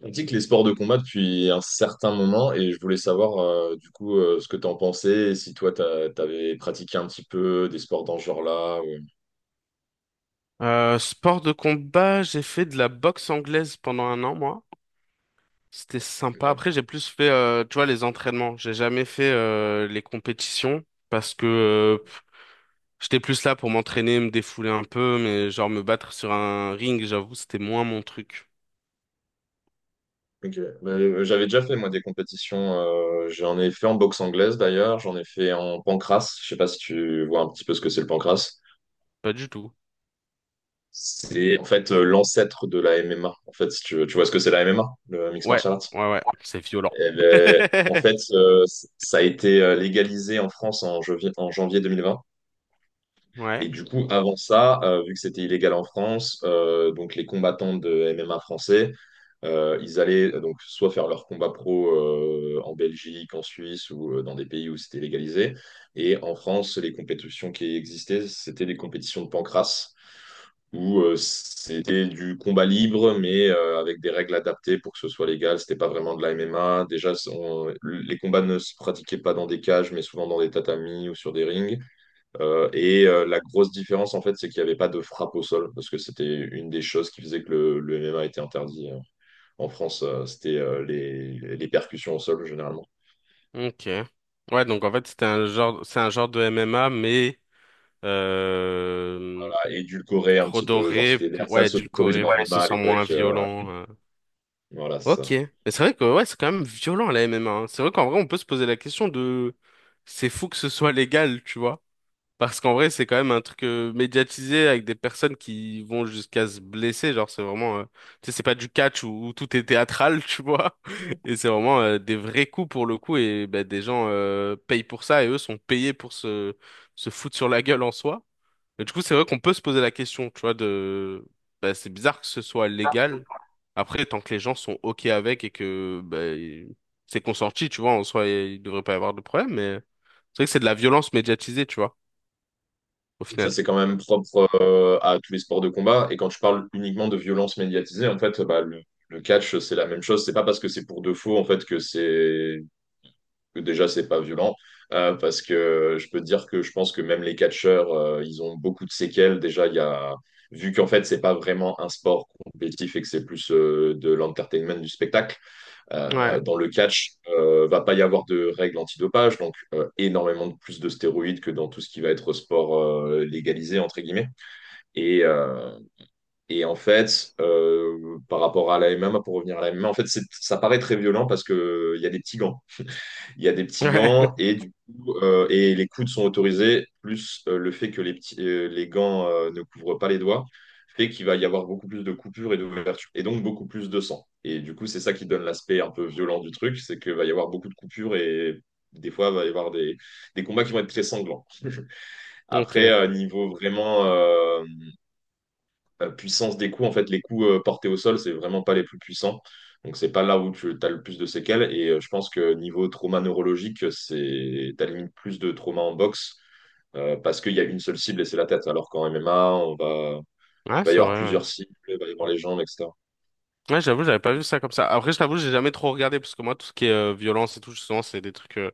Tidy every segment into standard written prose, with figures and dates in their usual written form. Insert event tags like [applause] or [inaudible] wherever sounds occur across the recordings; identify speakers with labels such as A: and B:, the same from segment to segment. A: Pratique les sports de combat depuis un certain moment et je voulais savoir du coup ce que t'en pensais et si toi t'avais pratiqué un petit peu des sports dans ce genre-là.
B: Sport de combat, j'ai fait de la boxe anglaise pendant un an, moi. C'était sympa.
A: Ok.
B: Après, j'ai plus fait, tu vois, les entraînements. J'ai jamais fait les compétitions parce que j'étais plus là pour m'entraîner, me défouler un peu, mais genre me battre sur un ring, j'avoue, c'était moins mon truc.
A: Ok. Bah, j'avais déjà fait moi des compétitions. J'en ai fait en boxe anglaise d'ailleurs. J'en ai fait en pancrace. Je sais pas si tu vois un petit peu ce que c'est le pancrace.
B: Pas du tout.
A: C'est en fait l'ancêtre de la MMA. En fait, si tu veux- tu vois ce que c'est la MMA, le mixed
B: Ouais,
A: martial arts.
B: ouais, ouais, c'est violent.
A: Eh ben, en
B: [laughs]
A: fait, ça a été légalisé en France en janvier 2020. Et
B: Ouais,
A: du coup, avant ça, vu que c'était illégal en France, donc les combattants de MMA français, ils allaient donc soit faire leur combat pro en Belgique, en Suisse ou dans des pays où c'était légalisé. Et en France, les compétitions qui existaient, c'était des compétitions de pancrace où c'était du combat libre, mais avec des règles adaptées pour que ce soit légal. C'était pas vraiment de la MMA. Déjà, les combats ne se pratiquaient pas dans des cages, mais souvent dans des tatamis ou sur des rings. La grosse différence, en fait, c'est qu'il n'y avait pas de frappe au sol, parce que c'était une des choses qui faisait que le MMA était interdit en France. C'était les percussions au sol, généralement.
B: ok. Ouais, donc en fait, c'était un genre, c'est un genre de MMA, mais euh,
A: Bah, édulcoré un petit peu, genre
B: Redorer,
A: c'était
B: ouais,
A: l'ersatz autorisé
B: édulcorer
A: dans le
B: pour que ce
A: MMA à
B: soit
A: l'époque.
B: moins
A: euh,
B: violent.
A: voilà, c'est
B: Ok.
A: ça.
B: Mais c'est vrai que ouais, c'est quand même violent la MMA, hein. C'est vrai qu'en vrai, on peut se poser la question de c'est fou que ce soit légal, tu vois. Parce qu'en vrai, c'est quand même un truc médiatisé avec des personnes qui vont jusqu'à se blesser. Genre, c'est vraiment, tu sais, c'est pas du catch où tout est théâtral, [laughs] tu vois. Et c'est vraiment des vrais coups pour le coup. Et ben, des gens payent pour ça et eux sont payés pour se foutre sur la gueule en soi. Et du coup, c'est vrai qu'on peut se poser la question, tu vois, de... Bah, c'est bizarre que ce soit légal. Après, tant que les gens sont OK avec et que bah, c'est consenti, tu vois, en soi, il devrait pas y avoir de problème, mais c'est vrai que c'est de la violence médiatisée, tu vois, au
A: Et ça,
B: final.
A: c'est quand même propre à tous les sports de combat. Et quand je parle uniquement de violence médiatisée, en fait, bah, le catch, c'est la même chose. C'est pas parce que c'est pour de faux, en fait, que c'est que déjà, c'est pas violent. Parce que je peux te dire que je pense que même les catcheurs, ils ont beaucoup de séquelles. Déjà, il y a, vu qu'en fait, c'est pas vraiment un sport compétitif et que c'est plus de l'entertainment du spectacle,
B: Ouais.
A: dans le catch, va pas y avoir de règles antidopage, donc énormément de plus de stéroïdes que dans tout ce qui va être sport légalisé, entre guillemets. Et, en fait, par rapport à la MMA, pour revenir à la MMA, en fait, ça paraît très violent parce que il y a des petits gants. Il y a des petits
B: Ouais.
A: gants
B: [laughs]
A: et du coup, et les coudes sont autorisés, plus le fait que les gants ne couvrent pas les doigts, fait qu'il va y avoir beaucoup plus de coupures et d'ouvertures, et donc beaucoup plus de sang. Et du coup, c'est ça qui donne l'aspect un peu violent du truc, c'est qu'il va y avoir beaucoup de coupures et des fois, il va y avoir des combats qui vont être très sanglants. Après,
B: Ok.
A: niveau vraiment puissance des coups, en fait, les coups portés au sol, c'est vraiment pas les plus puissants. Donc, c'est pas là où tu as le plus de séquelles. Et je pense que niveau trauma neurologique, c'est t'as limite plus de trauma en boxe parce qu'il y a une seule cible et c'est la tête. Alors qu'en MMA,
B: Ouais,
A: il va y
B: c'est
A: avoir
B: vrai, ouais.
A: plusieurs cibles, il va y avoir les jambes, etc.
B: Ouais, j'avoue, j'avais pas vu ça comme ça. Après, je t'avoue, j'ai jamais trop regardé, parce que moi, tout ce qui est violence et tout, justement, c'est des trucs.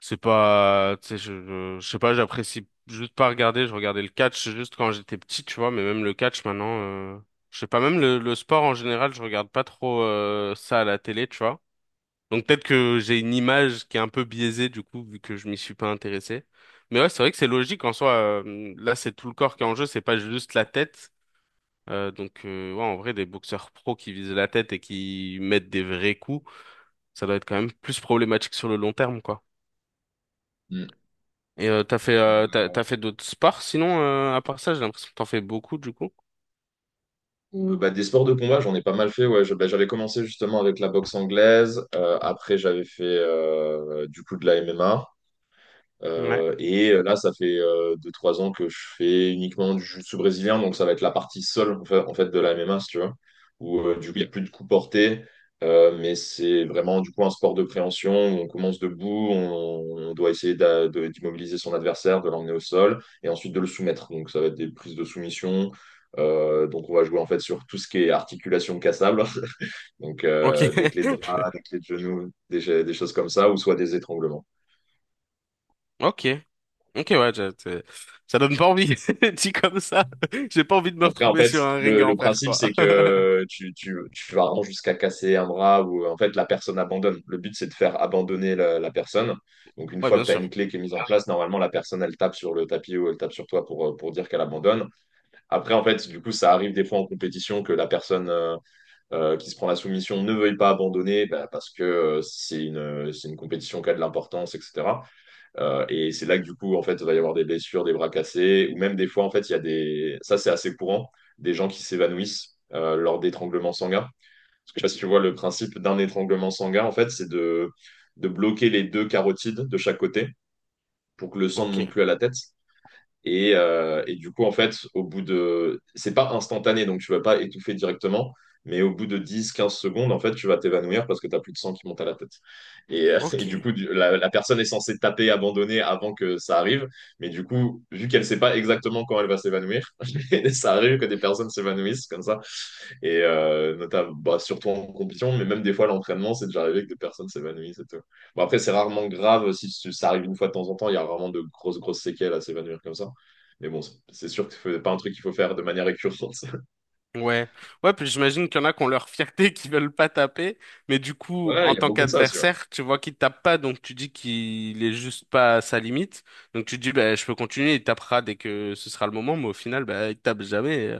B: C'est pas, tu sais, je sais pas, j'apprécie juste pas regarder. Je regardais le catch juste quand j'étais petit, tu vois, mais même le catch maintenant, je sais pas, même le sport en général, je regarde pas trop ça à la télé, tu vois. Donc peut-être que j'ai une image qui est un peu biaisée du coup, vu que je m'y suis pas intéressé. Mais ouais, c'est vrai que c'est logique en soi. Là, c'est tout le corps qui est en jeu, c'est pas juste la tête. Donc ouais, en vrai, des boxeurs pros qui visent la tête et qui mettent des vrais coups, ça doit être quand même plus problématique sur le long terme, quoi.
A: Mm.
B: Et euh, t'as fait euh, t'as,
A: Euh,
B: t'as fait d'autres sports sinon à part ça j'ai l'impression que t'en fais beaucoup du coup.
A: bah, des sports de combat, j'en ai pas mal fait. Ouais. Bah, j'avais commencé justement avec la boxe anglaise. Après, j'avais fait du coup de la MMA.
B: Ouais.
A: Et là, ça fait 2-3 ans que je fais uniquement du jiu-jitsu brésilien, donc ça va être la partie seule en fait, de la MMA, si tu vois. Où du coup, il n'y a plus de coups portés, mais c'est vraiment du coup un sport de préhension où on commence debout, on doit essayer d'immobiliser son adversaire, de l'emmener au sol et ensuite de le soumettre. Donc ça va être des prises de soumission. Donc on va jouer en fait sur tout ce qui est articulation cassable, [laughs] donc
B: Ok.
A: des clés de
B: [laughs]
A: bras, des clés de genoux, des choses comme ça, ou soit des étranglements.
B: Ok. Ok, ouais, ça donne pas envie [laughs] dit comme ça. [laughs] J'ai pas envie de me
A: Après, en
B: retrouver
A: fait,
B: sur un ring à
A: le
B: en faire
A: principe,
B: quoi.
A: c'est
B: [laughs]
A: que tu vas vraiment jusqu'à casser un bras ou en fait la personne abandonne. Le but, c'est de faire abandonner la personne. Donc, une
B: Ouais,
A: fois
B: bien
A: que tu as une
B: sûr.
A: clé qui est mise en place, normalement, la personne, elle tape sur le tapis ou elle tape sur toi pour dire qu'elle abandonne. Après, en fait, du coup, ça arrive des fois en compétition que la personne qui se prend la soumission ne veuille pas abandonner bah, parce que c'est une compétition qui a de l'importance, etc. C'est là que du coup, en fait, il va y avoir des blessures, des bras cassés, ou même des fois, en fait, il y a des. Ça, c'est assez courant, des gens qui s'évanouissent lors d'étranglements sanguins. Parce que je sais pas si tu vois le principe d'un étranglement sanguin, en fait, c'est de bloquer les deux carotides de chaque côté pour que le sang ne monte
B: Ok.
A: plus à la tête. Et du coup, en fait, c'est pas instantané, donc tu vas pas étouffer directement, mais au bout de 10, 15 secondes, en fait, tu vas t'évanouir parce que tu plus de sang qui monte à la tête. Et, [laughs] et du coup,
B: Ok.
A: la personne est censée taper, abandonner avant que ça arrive, mais du coup, vu qu'elle sait pas exactement quand elle va s'évanouir, [laughs] ça arrive que des personnes s'évanouissent comme ça. Et notamment, bah, surtout en compétition, mais même des fois, l'entraînement, c'est déjà arrivé que des personnes s'évanouissent et tout. Bon, après, c'est rarement grave. Si ça arrive une fois de temps en temps, il y a rarement de grosses, grosses séquelles à s'évanouir comme ça. Mais bon, c'est sûr que c'est pas un truc qu'il faut faire de manière récurrente. [laughs]
B: Ouais. Ouais, puis j'imagine qu'il y en a qui ont leur fierté [laughs] qui veulent pas taper, mais du coup
A: Ouais,
B: en
A: il y a
B: tant
A: beaucoup de ça aussi. Ouais.
B: qu'adversaire tu vois qu'il tape pas, donc tu dis qu'il est juste pas à sa limite, donc tu dis bah je peux continuer, il tapera dès que ce sera le moment, mais au final bah il tape jamais.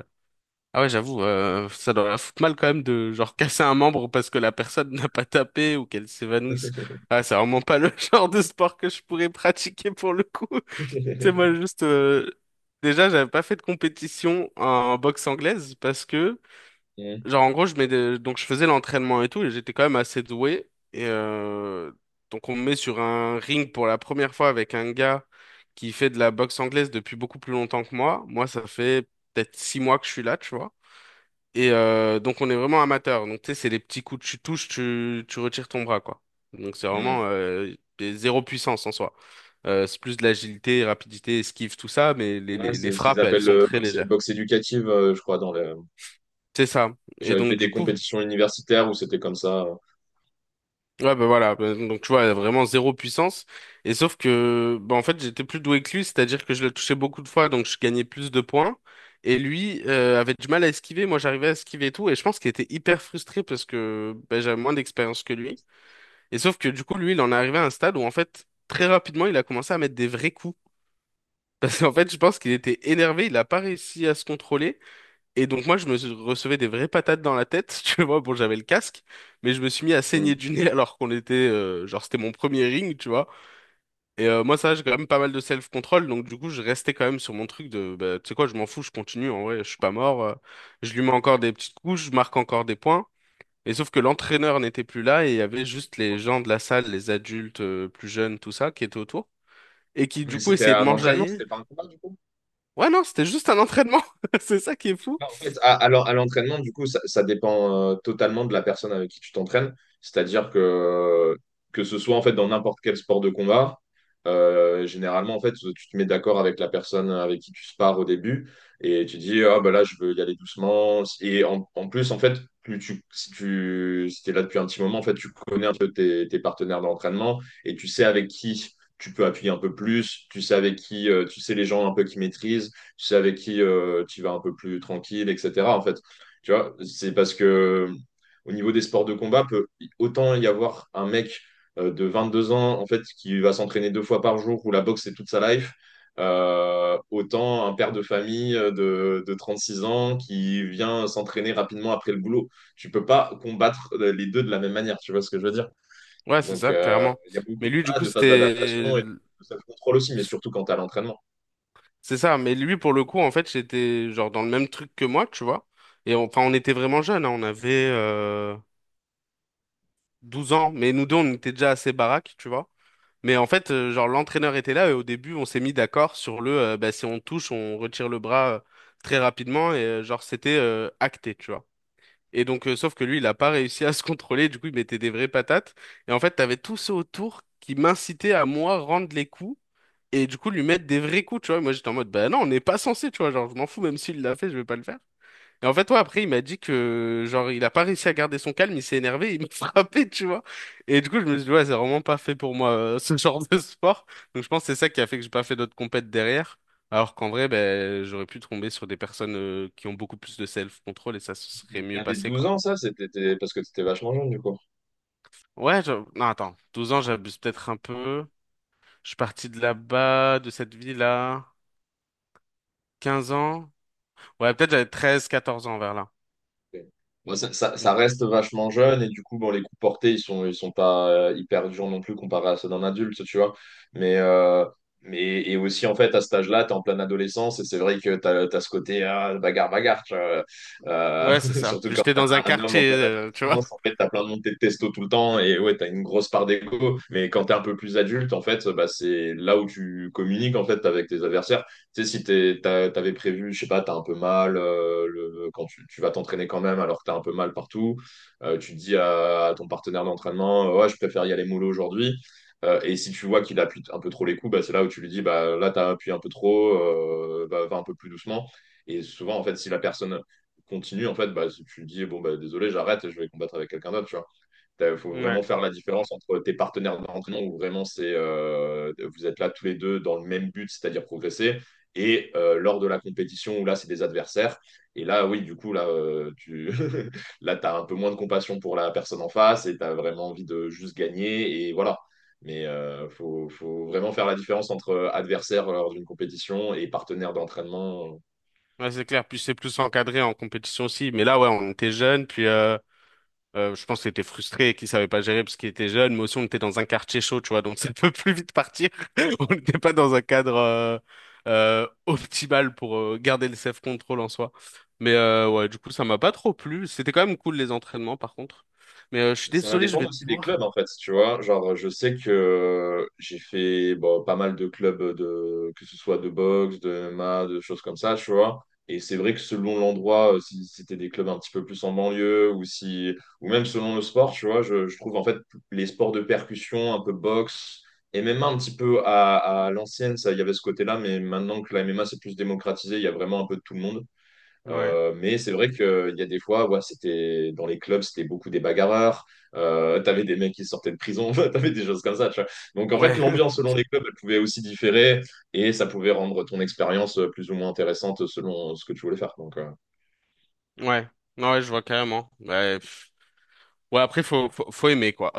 B: Ah ouais, j'avoue, ça doit la foutre mal quand même de genre casser un membre parce que la personne [laughs] n'a pas tapé ou qu'elle s'évanouisse. Ah, c'est vraiment pas le [laughs] genre de sport que je pourrais pratiquer pour le coup. [laughs] Tu sais, moi
A: [laughs]
B: juste, déjà, j'avais pas fait de compétition en boxe anglaise parce que,
A: Mm,
B: genre, en gros, donc je faisais l'entraînement et tout, et j'étais quand même assez doué donc on me met sur un ring pour la première fois avec un gars qui fait de la boxe anglaise depuis beaucoup plus longtemps que moi. Moi, ça fait peut-être 6 mois que je suis là, tu vois. Donc on est vraiment amateur. Donc tu sais, c'est des petits coups, que tu touches, tu retires ton bras, quoi. Donc c'est
A: mm.
B: vraiment zéro puissance en soi. C'est plus de l'agilité, rapidité, esquive, tout ça, mais les,
A: Ouais,
B: les, les
A: c'est ce qu'ils
B: frappes, elles
A: appellent
B: sont
A: le
B: très légères.
A: boxe éducative, je crois, dans le.
B: C'est ça. Et
A: J'avais fait
B: donc du
A: des
B: coup,
A: compétitions universitaires où c'était comme ça.
B: ouais bah voilà. Bah, donc tu vois, vraiment zéro puissance. Et sauf que, bah en fait, j'étais plus doué que lui, c'est-à-dire que je le touchais beaucoup de fois, donc je gagnais plus de points. Et lui avait du mal à esquiver, moi j'arrivais à esquiver et tout, et je pense qu'il était hyper frustré parce que bah, j'avais moins d'expérience que lui. Et sauf que du coup, lui, il en est arrivé à un stade où en fait, très rapidement, il a commencé à mettre des vrais coups. [laughs] Parce qu'en fait, je pense qu'il était énervé, il n'a pas réussi à se contrôler. Et donc moi, recevais des vraies patates dans la tête. [laughs] Tu vois, bon, j'avais le casque, mais je me suis mis à saigner
A: Mm.
B: du nez [laughs] alors qu'on était, genre, c'était mon premier ring, tu vois. Moi, ça, j'ai quand même pas mal de self-control. Donc du coup, je restais quand même sur mon truc de, bah, tu sais quoi, je m'en fous, je continue. En vrai, je suis pas mort. Je lui mets encore des petites couches, je marque encore des points. Et sauf que l'entraîneur n'était plus là et il y avait juste les gens de la salle, les adultes plus jeunes, tout ça, qui étaient autour et qui du
A: Mais
B: coup
A: c'était
B: essayaient de
A: un entraînement,
B: m'enjailler.
A: c'était pas un combat du coup.
B: Ouais, non, c'était juste un entraînement. [laughs] C'est ça qui est fou.
A: Bah, en fait, à l'entraînement, du coup, ça dépend totalement de la personne avec qui tu t'entraînes. C'est-à-dire que ce soit en fait dans n'importe quel sport de combat, généralement en fait, tu te mets d'accord avec la personne avec qui tu spares au début et tu dis ah bah là je veux y aller doucement. Et en plus en fait, plus tu si t'es là depuis un petit moment en fait, tu connais un peu tes partenaires d'entraînement et tu sais avec qui tu peux appuyer un peu plus, tu sais avec qui tu sais les gens un peu qui maîtrisent c'est avec qui tu vas un peu plus tranquille, etc. En fait, tu vois, c'est parce que au niveau des sports de combat, peut autant y avoir un mec de 22 ans en fait qui va s'entraîner deux fois par jour où la boxe c'est toute sa life. Autant un père de famille de 36 ans qui vient s'entraîner rapidement après le boulot. Tu peux pas combattre les deux de la même manière, tu vois ce que je veux dire?
B: Ouais, c'est
A: Donc,
B: ça, clairement.
A: il y a
B: Mais
A: beaucoup
B: lui, du coup,
A: de phases
B: c'était.
A: d'adaptation et de self-control aussi, mais surtout quand tu à l'entraînement.
B: C'est ça, mais lui, pour le coup, en fait, j'étais genre dans le même truc que moi, tu vois. Enfin, on était vraiment jeunes, hein, on avait 12 ans, mais nous deux, on était déjà assez baraques, tu vois. Mais en fait, genre l'entraîneur était là et au début, on s'est mis d'accord sur le bah, si on touche, on retire le bras très rapidement et genre c'était acté, tu vois. Et donc, sauf que lui, il a pas réussi à se contrôler, du coup, il mettait des vraies patates et en fait, t'avais tous ceux autour qui m'incitaient à moi rendre les coups et du coup lui mettre des vrais coups, tu vois. Et moi, j'étais en mode bah non, on n'est pas censé, tu vois, genre je m'en fous même s'il l'a fait, je vais pas le faire. Et en fait, toi, après, il m'a dit que, genre, il a pas réussi à garder son calme, il s'est énervé, il m'a [laughs] frappé, tu vois. Et du coup, je me suis dit, ouais, c'est vraiment pas fait pour moi, ce [laughs] genre de sport. Donc, je pense que c'est ça qui a fait que j'ai pas fait d'autres compètes derrière. Alors qu'en vrai, ben, j'aurais pu tomber sur des personnes, qui ont beaucoup plus de self-control et ça se serait mieux
A: T'avais
B: passé,
A: 12
B: quoi.
A: ans, ça, c'était parce que t'étais vachement jeune, du coup.
B: Ouais, non, attends. Douze ans, j'abuse peut-être un peu. Je suis parti de là-bas, de cette ville-là. Quinze ans. Ouais, peut-être j'avais 13, 14 ans vers là.
A: Ok. Bon, ça, ça
B: Donc,
A: reste vachement jeune, et du coup, bon, les coups portés, ils sont pas hyper durs non plus comparé à ceux d'un adulte, tu vois. Mais, et aussi, en fait, à cet âge-là, t'es en pleine adolescence, et c'est vrai que t'as ce côté ah, bagarre, bagarre, tu vois. Euh,
B: ouais, c'est
A: [laughs]
B: ça.
A: surtout
B: Puis
A: quand
B: j'étais
A: t'es
B: dans un
A: un homme en
B: quartier,
A: pleine
B: tu vois.
A: adolescence, en fait, t'as plein de montées de testo tout le temps, et ouais, t'as une grosse part d'ego. Mais quand t'es un peu plus adulte, en fait, bah, c'est là où tu communiques, en fait, avec tes adversaires. Tu sais, si t'avais prévu, je sais pas, t'as un peu mal, quand tu vas t'entraîner quand même alors que t'as un peu mal partout, tu dis à ton partenaire d'entraînement, ouais, je préfère y aller mollo aujourd'hui. Et si tu vois qu'il appuie un peu trop les coups, bah, c'est là où tu lui dis, bah, là, t'as appuyé un peu trop, bah, va un peu plus doucement. Et souvent, en fait, si la personne continue, en fait, bah, tu lui dis, bon, bah, désolé, j'arrête, je vais combattre avec quelqu'un d'autre, tu vois. Il faut
B: Ouais.
A: vraiment faire la différence entre tes partenaires d'entraînement où vraiment c'est, vous êtes là tous les deux dans le même but, c'est-à-dire progresser, et lors de la compétition où là c'est des adversaires. Et là, oui, du coup, là, tu [laughs] là, t'as un peu moins de compassion pour la personne en face et tu as vraiment envie de juste gagner. Et voilà. Mais il faut, vraiment faire la différence entre adversaire lors d'une compétition et partenaire d'entraînement.
B: Ouais, c'est clair, puis c'est plus encadré en compétition aussi. Mais là, ouais, on était jeunes, puis je pense qu'il était frustré, et qu'il savait pas gérer parce qu'il était jeune, mais aussi on était dans un quartier chaud, tu vois, donc [laughs] ça peut plus vite partir. [laughs] On n'était pas dans un cadre optimal pour garder le self-control en soi. Mais ouais, du coup, ça m'a pas trop plu. C'était quand même cool les entraînements, par contre. Mais je suis
A: Ça va
B: désolé, je vais
A: dépendre aussi des
B: devoir.
A: clubs, en fait, tu vois. Genre, je sais que j'ai fait bon, pas mal de clubs, de, que ce soit de boxe, de MMA, de choses comme ça, tu vois. Et c'est vrai que selon l'endroit, si c'était des clubs un petit peu plus en banlieue, ou si, ou même selon le sport, tu vois, je trouve en fait les sports de percussion, un peu boxe, et même un petit peu à l'ancienne, ça, il y avait ce côté-là, mais maintenant que la MMA c'est plus démocratisé, il y a vraiment un peu de tout le monde.
B: Ouais.
A: Mais c'est vrai qu'il y a des fois, ouais, c'était dans les clubs, c'était beaucoup des bagarreurs. T'avais des mecs qui sortaient de prison, [laughs] t'avais des choses comme ça, tu vois. Donc en fait,
B: Ouais,
A: l'ambiance
B: [laughs]
A: selon les clubs, elle pouvait aussi différer et ça pouvait rendre ton expérience plus ou moins intéressante selon ce que tu voulais faire. Donc
B: ouais. Ouais, je vois carrément. Ouais, pff. Ouais, après, faut aimer, quoi.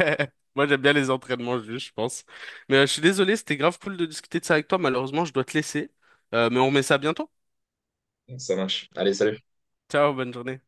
B: [laughs] Moi, j'aime bien les entraînements juste, je pense. Mais je suis désolé, c'était grave cool de discuter de ça avec toi. Malheureusement, je dois te laisser. Mais on remet ça bientôt.
A: ça marche. Allez, salut.
B: Ciao, bonne journée.